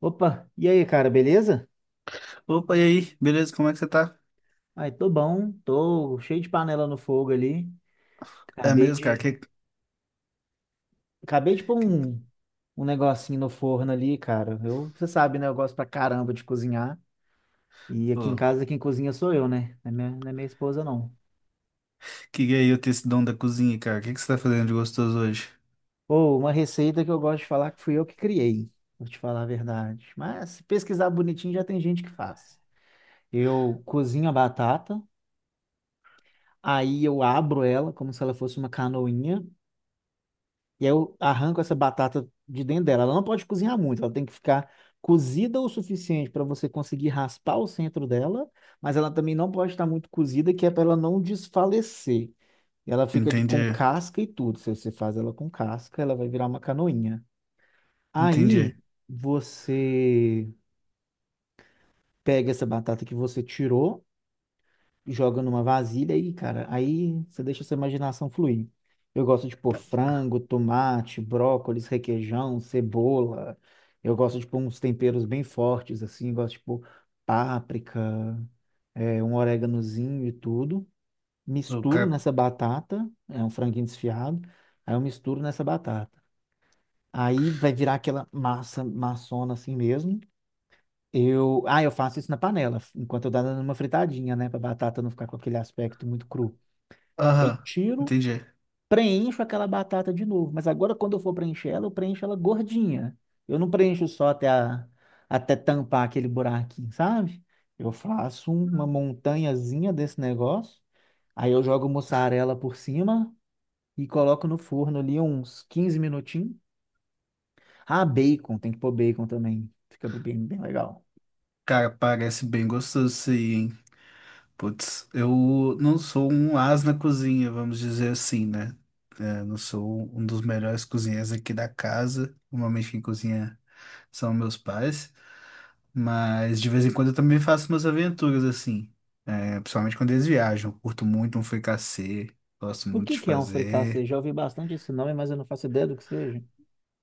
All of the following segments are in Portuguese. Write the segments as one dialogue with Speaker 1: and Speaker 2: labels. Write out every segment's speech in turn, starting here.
Speaker 1: Opa, e aí, cara, beleza?
Speaker 2: Opa, e aí? Beleza, como é que você tá?
Speaker 1: Ai, tô bom, tô cheio de panela no fogo ali.
Speaker 2: É
Speaker 1: Acabei
Speaker 2: mesmo, cara?
Speaker 1: de, acabei de pôr
Speaker 2: Que,
Speaker 1: um negocinho no forno ali, cara. Eu, você sabe, né? Eu gosto pra caramba de cozinhar. E aqui em
Speaker 2: pô,
Speaker 1: casa, quem cozinha sou eu, né? Não é minha esposa, não.
Speaker 2: que gay eu ter esse dom da cozinha, cara. O que você tá fazendo de gostoso hoje?
Speaker 1: Pô, uma receita que eu gosto de falar que fui eu que criei, vou te falar a verdade. Mas se pesquisar bonitinho, já tem gente que faz. Eu cozinho a batata, aí eu abro ela como se ela fosse uma canoinha. E aí eu arranco essa batata de dentro dela. Ela não pode cozinhar muito, ela tem que ficar cozida o suficiente para você conseguir raspar o centro dela, mas ela também não pode estar muito cozida, que é para ela não desfalecer. E ela fica de
Speaker 2: Entendi,
Speaker 1: com casca e tudo. Se você faz ela com casca, ela vai virar uma canoinha. Aí
Speaker 2: entendi.
Speaker 1: você pega essa batata que você tirou, joga numa vasilha e, cara, aí você deixa a sua imaginação fluir. Eu gosto de pôr frango, tomate, brócolis, requeijão, cebola. Eu gosto de pôr uns temperos bem fortes, assim, gosto de pôr páprica, é, um oréganozinho e tudo.
Speaker 2: O
Speaker 1: Misturo
Speaker 2: cara.
Speaker 1: nessa batata, é um franguinho desfiado, aí eu misturo nessa batata. Aí vai virar aquela massa maçona assim mesmo. Eu faço isso na panela, enquanto eu dou numa fritadinha, né, pra batata não ficar com aquele aspecto muito cru. Aí
Speaker 2: Aham,
Speaker 1: tiro,
Speaker 2: entendi.
Speaker 1: preencho aquela batata de novo. Mas agora, quando eu for preencher ela, eu preencho ela gordinha. Eu não preencho só até tampar aquele buraquinho, sabe? Eu faço uma montanhazinha desse negócio. Aí eu jogo mussarela por cima e coloco no forno ali uns 15 minutinhos. Ah, bacon, tem que pôr bacon também. Fica bem, bem legal.
Speaker 2: Cara, parece bem gostoso isso aí, hein? Putz, eu não sou um as na cozinha, vamos dizer assim, né? É, não sou um dos melhores cozinheiros aqui da casa. Normalmente quem cozinha são meus pais. Mas de vez em quando eu também faço umas aventuras assim. Principalmente quando eles viajam. Eu curto muito um fricassê. Gosto
Speaker 1: O
Speaker 2: muito
Speaker 1: que
Speaker 2: de
Speaker 1: que é um fricassê?
Speaker 2: fazer.
Speaker 1: Já ouvi bastante esse nome, mas eu não faço ideia do que seja.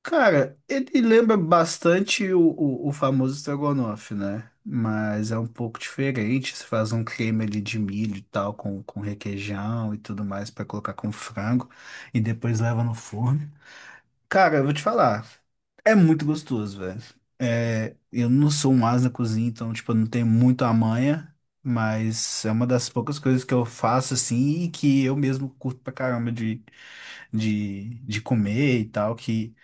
Speaker 2: Cara, ele lembra bastante o famoso estrogonofe, né? Mas é um pouco diferente. Você faz um creme ali de milho e tal, com requeijão e tudo mais pra colocar com frango. E depois leva no forno. Cara, eu vou te falar. É muito gostoso, velho. Eu não sou um ás na cozinha, então, tipo, eu não tenho muito a manha, mas é uma das poucas coisas que eu faço, assim, e que eu mesmo curto pra caramba de comer e tal, que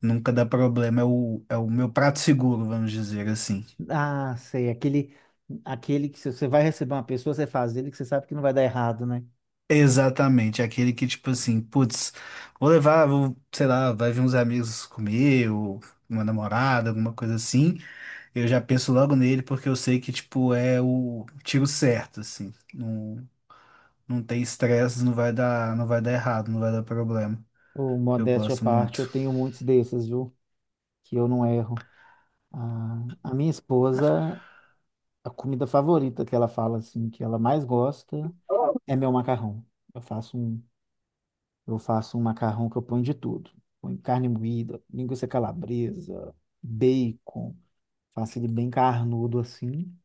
Speaker 2: nunca dá problema. É o meu prato seguro, vamos dizer assim.
Speaker 1: Ah, sei, aquele que se você vai receber uma pessoa, você faz ele que você sabe que não vai dar errado, né?
Speaker 2: Exatamente, é aquele que, tipo assim, putz, vou, sei lá, vai vir uns amigos comer, ou uma namorada, alguma coisa assim. Eu já penso logo nele porque eu sei que, tipo, é o tiro certo, assim. Não, não tem estresse, não vai dar errado, não vai dar problema.
Speaker 1: Ou
Speaker 2: Eu
Speaker 1: modéstia à
Speaker 2: gosto
Speaker 1: parte, eu
Speaker 2: muito.
Speaker 1: tenho muitos desses, viu? Que eu não erro. Ah, a minha esposa, a comida favorita que ela fala assim, que ela mais gosta, é meu macarrão. Eu faço um, eu faço um macarrão que eu ponho de tudo. Ponho carne moída, linguiça calabresa, bacon, faço ele bem carnudo assim.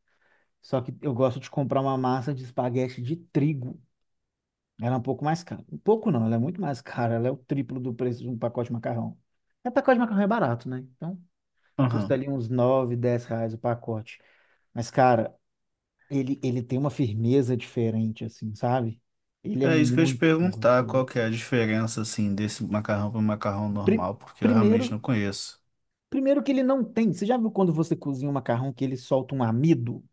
Speaker 1: Só que eu gosto de comprar uma massa de espaguete de trigo. Ela é um pouco mais cara. Um pouco não, ela é muito mais cara. Ela é o triplo do preço de um pacote de macarrão. É, pacote de macarrão é barato, né? Então, custa
Speaker 2: Aham.
Speaker 1: ali uns 9 10 reais o pacote. Mas, cara, ele tem uma firmeza diferente, assim, sabe? Ele é
Speaker 2: É isso que eu ia te
Speaker 1: muito
Speaker 2: perguntar, qual
Speaker 1: gostoso.
Speaker 2: que é a diferença, assim, desse macarrão para macarrão
Speaker 1: Pri-
Speaker 2: normal, porque eu
Speaker 1: primeiro,
Speaker 2: realmente não conheço.
Speaker 1: primeiro que ele não tem. Você já viu quando você cozinha um macarrão que ele solta um amido?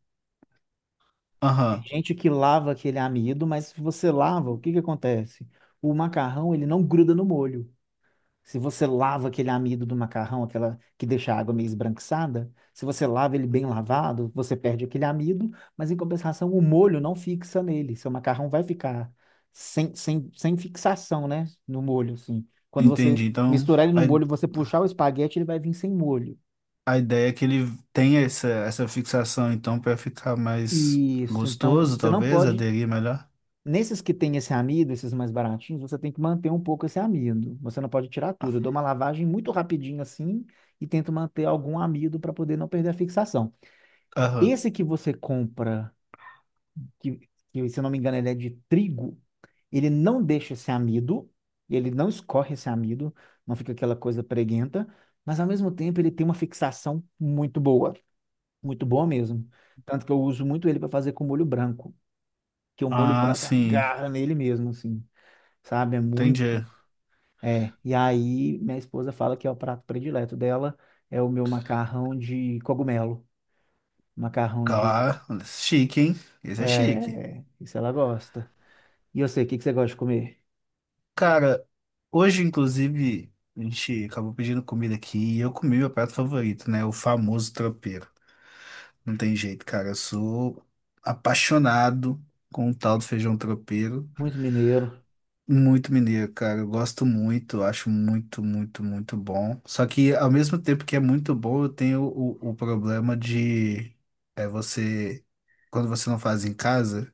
Speaker 1: Tem
Speaker 2: Aham,
Speaker 1: gente que lava aquele amido, mas se você lava, o que que acontece? O macarrão, ele não gruda no molho. Se você lava aquele amido do macarrão, aquela que deixa a água meio esbranquiçada, se você lava ele bem lavado, você perde aquele amido, mas em compensação o molho não fixa nele. Seu macarrão vai ficar sem fixação, né? No molho, assim. Quando você
Speaker 2: entendi. Então,
Speaker 1: misturar ele no
Speaker 2: a,
Speaker 1: molho, você puxar o espaguete, ele vai vir sem molho.
Speaker 2: a ideia é que ele tem essa fixação, então, para ficar mais
Speaker 1: Isso, então
Speaker 2: gostoso,
Speaker 1: você não
Speaker 2: talvez,
Speaker 1: pode.
Speaker 2: aderir melhor.
Speaker 1: Nesses que tem esse amido, esses mais baratinhos, você tem que manter um pouco esse amido. Você não pode tirar tudo. Eu dou uma lavagem muito rapidinho assim e tento manter algum amido para poder não perder a fixação.
Speaker 2: Aham.
Speaker 1: Esse que você compra, que, que se eu não me engano ele é de trigo, ele não deixa esse amido, ele não escorre esse amido, não fica aquela coisa preguenta, mas ao mesmo tempo ele tem uma fixação muito boa mesmo. Tanto que eu uso muito ele para fazer com molho branco, que o molho
Speaker 2: Ah,
Speaker 1: branco
Speaker 2: sim,
Speaker 1: agarra nele mesmo, assim sabe? É muito.
Speaker 2: entendi.
Speaker 1: É. E aí, minha esposa fala que é o prato predileto dela, é o meu macarrão de cogumelo. Macarrão de.
Speaker 2: Claro, chique, hein? Esse é chique.
Speaker 1: É, isso ela gosta. E eu sei, o que que você gosta de comer?
Speaker 2: Cara, hoje, inclusive, a gente acabou pedindo comida aqui e eu comi meu prato favorito, né? O famoso tropeiro. Não tem jeito, cara. Eu sou apaixonado com o tal do feijão tropeiro.
Speaker 1: Muito mineiro.
Speaker 2: Muito mineiro, cara. Eu gosto muito, acho muito, muito, muito bom. Só que ao mesmo tempo que é muito bom, eu tenho o problema de você, quando você não faz em casa,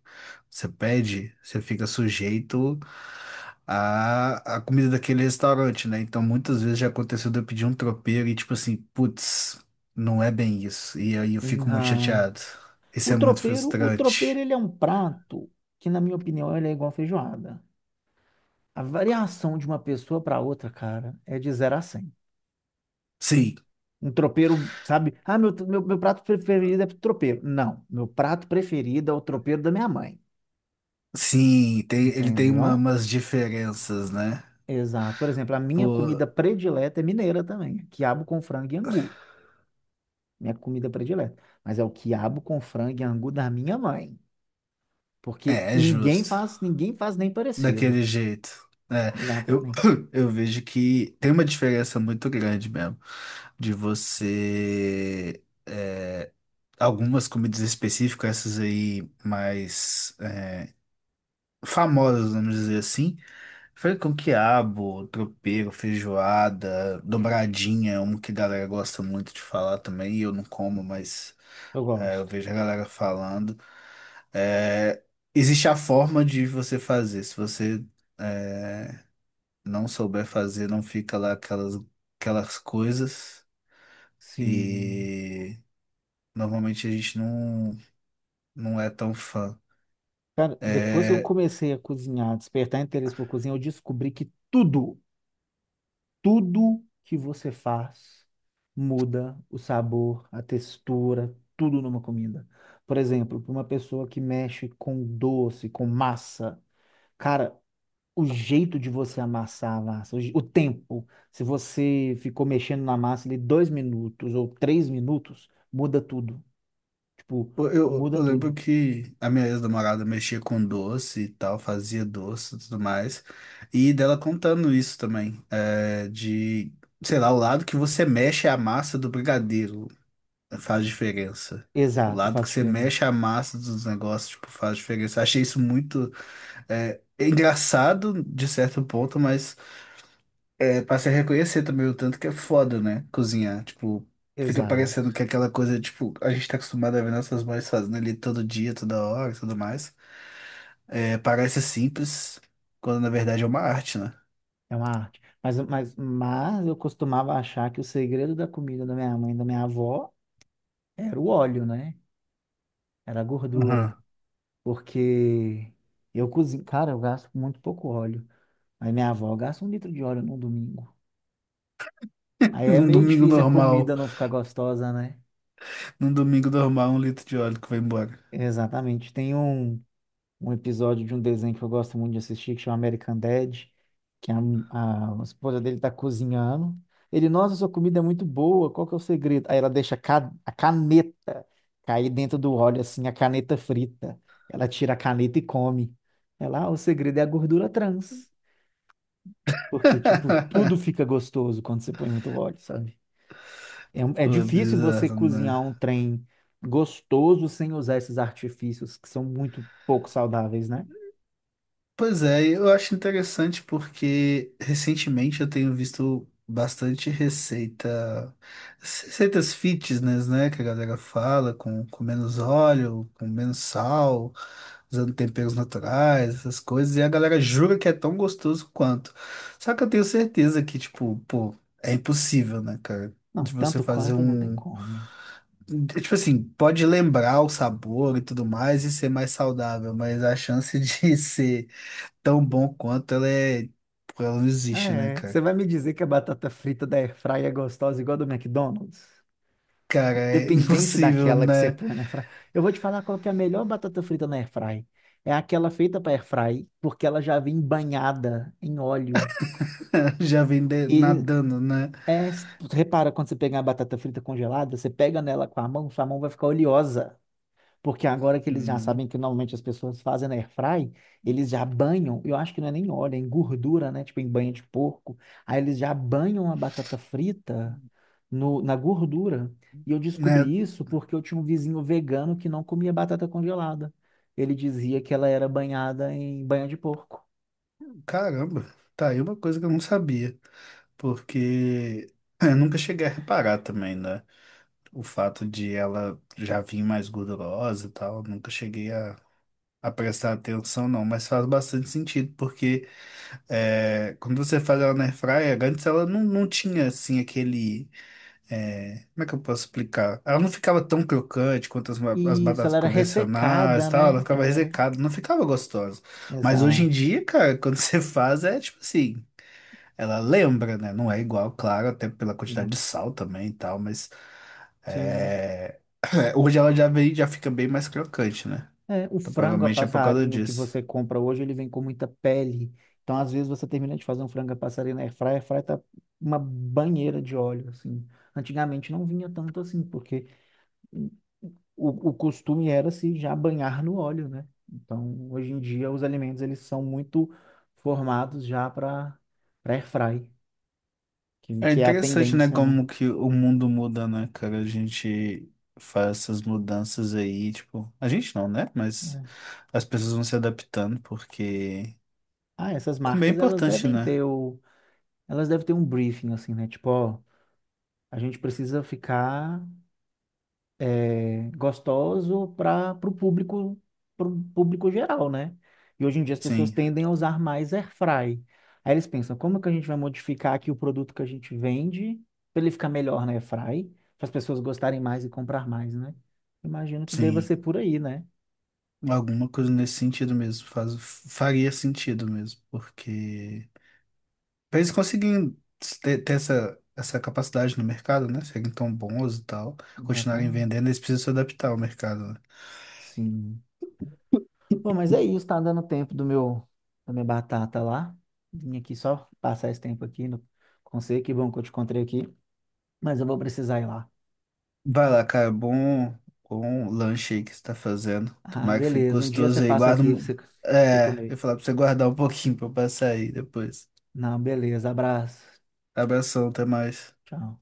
Speaker 2: você pede, você fica sujeito à comida daquele restaurante, né? Então muitas vezes já aconteceu de eu pedir um tropeiro e tipo assim, putz, não é bem isso. E aí eu fico muito
Speaker 1: Uhum.
Speaker 2: chateado. Isso é muito
Speaker 1: O tropeiro,
Speaker 2: frustrante.
Speaker 1: ele é um prato que, na minha opinião, ele é igual feijoada. A variação de uma pessoa para outra, cara, é de 0 a 100.
Speaker 2: Sim.
Speaker 1: Um tropeiro, sabe? Ah, meu prato preferido é tropeiro. Não, meu prato preferido é o tropeiro da minha mãe.
Speaker 2: Sim, tem, ele tem uma-
Speaker 1: Entendeu?
Speaker 2: umas diferenças, né?
Speaker 1: Exato. Por exemplo, a minha
Speaker 2: Pô,
Speaker 1: comida predileta é mineira também. Quiabo com frango e angu. Minha comida predileta. Mas é o quiabo com frango e angu da minha mãe. Porque
Speaker 2: é, é justo.
Speaker 1: ninguém faz nem parecido.
Speaker 2: Daquele jeito. É, eu,
Speaker 1: Exatamente.
Speaker 2: eu vejo que tem uma diferença muito grande mesmo. De você. Algumas comidas específicas, essas aí mais famosas, vamos dizer assim. Foi com quiabo, tropeiro, feijoada, dobradinha, é um que a galera gosta muito de falar também, e eu não como, mas
Speaker 1: Eu
Speaker 2: eu
Speaker 1: gosto.
Speaker 2: vejo a galera falando. É, existe a forma de você fazer. Se você, é, não souber fazer, não fica lá aquelas coisas.
Speaker 1: Sim.
Speaker 2: E normalmente a gente não, não é tão fã.
Speaker 1: Cara, depois que eu
Speaker 2: É,
Speaker 1: comecei a cozinhar, despertar interesse por cozinha, eu descobri que tudo. Tudo que você faz muda o sabor, a textura, tudo numa comida. Por exemplo, para uma pessoa que mexe com doce, com massa, cara, o jeito de você amassar a massa, o tempo, se você ficou mexendo na massa ali 2 minutos ou 3 minutos, muda tudo. Tipo,
Speaker 2: eu, eu
Speaker 1: muda
Speaker 2: eu lembro
Speaker 1: tudo.
Speaker 2: que a minha ex-namorada mexia com doce e tal, fazia doce e tudo mais. E dela contando isso também, de, sei lá, o lado que você mexe é a massa do brigadeiro. Faz diferença. O
Speaker 1: Exato,
Speaker 2: lado
Speaker 1: faz
Speaker 2: que você mexe
Speaker 1: diferença.
Speaker 2: a massa dos negócios, tipo, faz diferença.
Speaker 1: E-
Speaker 2: Achei isso muito engraçado de certo ponto, mas passei a reconhecer também o tanto que é foda, né? Cozinhar. Tipo, fica
Speaker 1: Exato,
Speaker 2: parecendo que é aquela coisa, tipo, a gente tá acostumado a ver nossas mães fazendo ali todo dia, toda hora e tudo mais. É, parece simples, quando na verdade é uma arte, né?
Speaker 1: é uma arte. Mas eu costumava achar que o segredo da comida da minha mãe e da minha avó era o óleo, né? Era a gordura.
Speaker 2: Aham.
Speaker 1: Porque eu cozinho. Cara, eu gasto muito pouco óleo. Mas minha avó gasta 1 litro de óleo no domingo. Aí é
Speaker 2: Num
Speaker 1: meio
Speaker 2: domingo
Speaker 1: difícil a comida
Speaker 2: normal,
Speaker 1: não ficar gostosa, né?
Speaker 2: num domingo normal, 1 litro de óleo que vai embora.
Speaker 1: Exatamente. Tem um. Um episódio de um desenho que eu gosto muito de assistir, que chama American Dad, que a esposa dele tá cozinhando. Ele, nossa, sua comida é muito boa, qual que é o segredo? Aí ela deixa a caneta cair dentro do óleo, assim, a caneta frita. Ela tira a caneta e come. O segredo é a gordura trans. Porque, tipo, tudo fica gostoso quando você põe muito óleo, sabe? É
Speaker 2: Pô, é
Speaker 1: difícil você
Speaker 2: bizarro,
Speaker 1: cozinhar
Speaker 2: né?
Speaker 1: um trem gostoso sem usar esses artifícios que são muito pouco saudáveis, né?
Speaker 2: Pois é, eu acho interessante porque recentemente eu tenho visto bastante receitas fitness, né? Que a galera fala com menos óleo, com menos sal, usando temperos naturais, essas coisas, e a galera jura que é tão gostoso quanto. Só que eu tenho certeza que, tipo, pô, é impossível, né, cara?
Speaker 1: Não,
Speaker 2: De você
Speaker 1: tanto
Speaker 2: fazer
Speaker 1: quanto não tem
Speaker 2: um.
Speaker 1: como.
Speaker 2: Tipo assim, pode lembrar o sabor e tudo mais e ser mais saudável, mas a chance de ser tão bom quanto ela é. Pô, ela não
Speaker 1: Ah,
Speaker 2: existe, né,
Speaker 1: é. Você
Speaker 2: cara?
Speaker 1: vai me dizer que a batata frita da Airfry é gostosa igual a do McDonald's?
Speaker 2: Cara, é
Speaker 1: Independente
Speaker 2: impossível,
Speaker 1: daquela que você
Speaker 2: né?
Speaker 1: põe na Airfry. Eu vou te falar qual que é a melhor batata frita na Airfry. É aquela feita para Airfry, porque ela já vem banhada em óleo.
Speaker 2: Já vem de-
Speaker 1: E
Speaker 2: nadando, né?
Speaker 1: é, Repara quando você pegar a batata frita congelada, você pega nela com a mão, sua mão vai ficar oleosa. Porque agora que eles já
Speaker 2: Hum,
Speaker 1: sabem que normalmente as pessoas fazem na airfry, eles já banham, eu acho que não é nem óleo, é em gordura, né? Tipo em banha de porco. Aí eles já banham a batata frita no, na gordura. E eu
Speaker 2: né?
Speaker 1: descobri isso porque eu tinha um vizinho vegano que não comia batata congelada. Ele dizia que ela era banhada em banha de porco.
Speaker 2: Caramba, tá aí uma coisa que eu não sabia. Porque eu nunca cheguei a reparar também, né? O fato de ela já vir mais gordurosa e tal, nunca cheguei a prestar atenção, não. Mas faz bastante sentido, porque quando você faz ela na airfryer, antes ela não, não tinha assim aquele. É, como é que eu posso explicar? Ela não ficava tão crocante quanto as
Speaker 1: E isso,
Speaker 2: batatas
Speaker 1: ela era
Speaker 2: convencionais
Speaker 1: ressecada,
Speaker 2: e tal, ela
Speaker 1: né?
Speaker 2: ficava
Speaker 1: Ela era.
Speaker 2: ressecada, não ficava gostosa. Mas hoje em
Speaker 1: Exato.
Speaker 2: dia, cara, quando você faz, é tipo assim, ela lembra, né? Não é igual, claro, até pela quantidade de sal também e tal, mas
Speaker 1: Sim.
Speaker 2: é, hoje ela já vem, já fica bem mais crocante, né?
Speaker 1: É, o
Speaker 2: Então
Speaker 1: frango a
Speaker 2: provavelmente é por causa
Speaker 1: passarinho que
Speaker 2: disso.
Speaker 1: você compra hoje, ele vem com muita pele. Então, às vezes, você termina de fazer um frango a passarinho na airfryer, a airfryer tá uma banheira de óleo, assim. Antigamente não vinha tanto assim, porque o costume era se já banhar no óleo, né? Então, hoje em dia, os alimentos, eles são muito formados já para airfry, que,
Speaker 2: É
Speaker 1: que é a
Speaker 2: interessante, né,
Speaker 1: tendência, né?
Speaker 2: como que o mundo muda, né, cara? A gente faz essas mudanças aí, tipo, a gente não, né? Mas
Speaker 1: É.
Speaker 2: as pessoas vão se adaptando porque
Speaker 1: Ah, essas
Speaker 2: comer é
Speaker 1: marcas, elas
Speaker 2: importante,
Speaker 1: devem
Speaker 2: né?
Speaker 1: ter o... Elas devem ter um briefing, assim, né? Tipo, ó, a gente precisa ficar... é, gostoso para o público, pro público geral, né? E hoje em dia as pessoas
Speaker 2: Sim,
Speaker 1: tendem a usar mais air fry. Aí eles pensam, como que a gente vai modificar aqui o produto que a gente vende para ele ficar melhor na air fry, para as pessoas gostarem mais e comprar mais, né? Imagino que deva
Speaker 2: sim.
Speaker 1: ser por aí, né?
Speaker 2: Alguma coisa nesse sentido mesmo, faz, faria sentido mesmo, porque pra eles conseguirem ter, ter essa capacidade no mercado, né? Serem tão bons e tal, continuarem
Speaker 1: Exatamente.
Speaker 2: vendendo, eles precisam se adaptar ao mercado, né?
Speaker 1: Sim. Bom, mas é isso, tá dando tempo do meu da minha batata lá. Vim aqui só passar esse tempo aqui no conselho, que bom que eu te encontrei aqui, mas eu vou precisar ir lá.
Speaker 2: Vai lá, cara. Bom, bom lanche aí que você tá fazendo.
Speaker 1: Ah,
Speaker 2: Tomara que fique
Speaker 1: beleza. Um dia você
Speaker 2: gostoso aí.
Speaker 1: passa
Speaker 2: Guarda.
Speaker 1: aqui pra
Speaker 2: Um-
Speaker 1: você, você
Speaker 2: É, eu ia
Speaker 1: comer.
Speaker 2: falar pra você guardar um pouquinho pra eu passar aí depois.
Speaker 1: Não, beleza. Abraço.
Speaker 2: Abração, até mais.
Speaker 1: Tchau.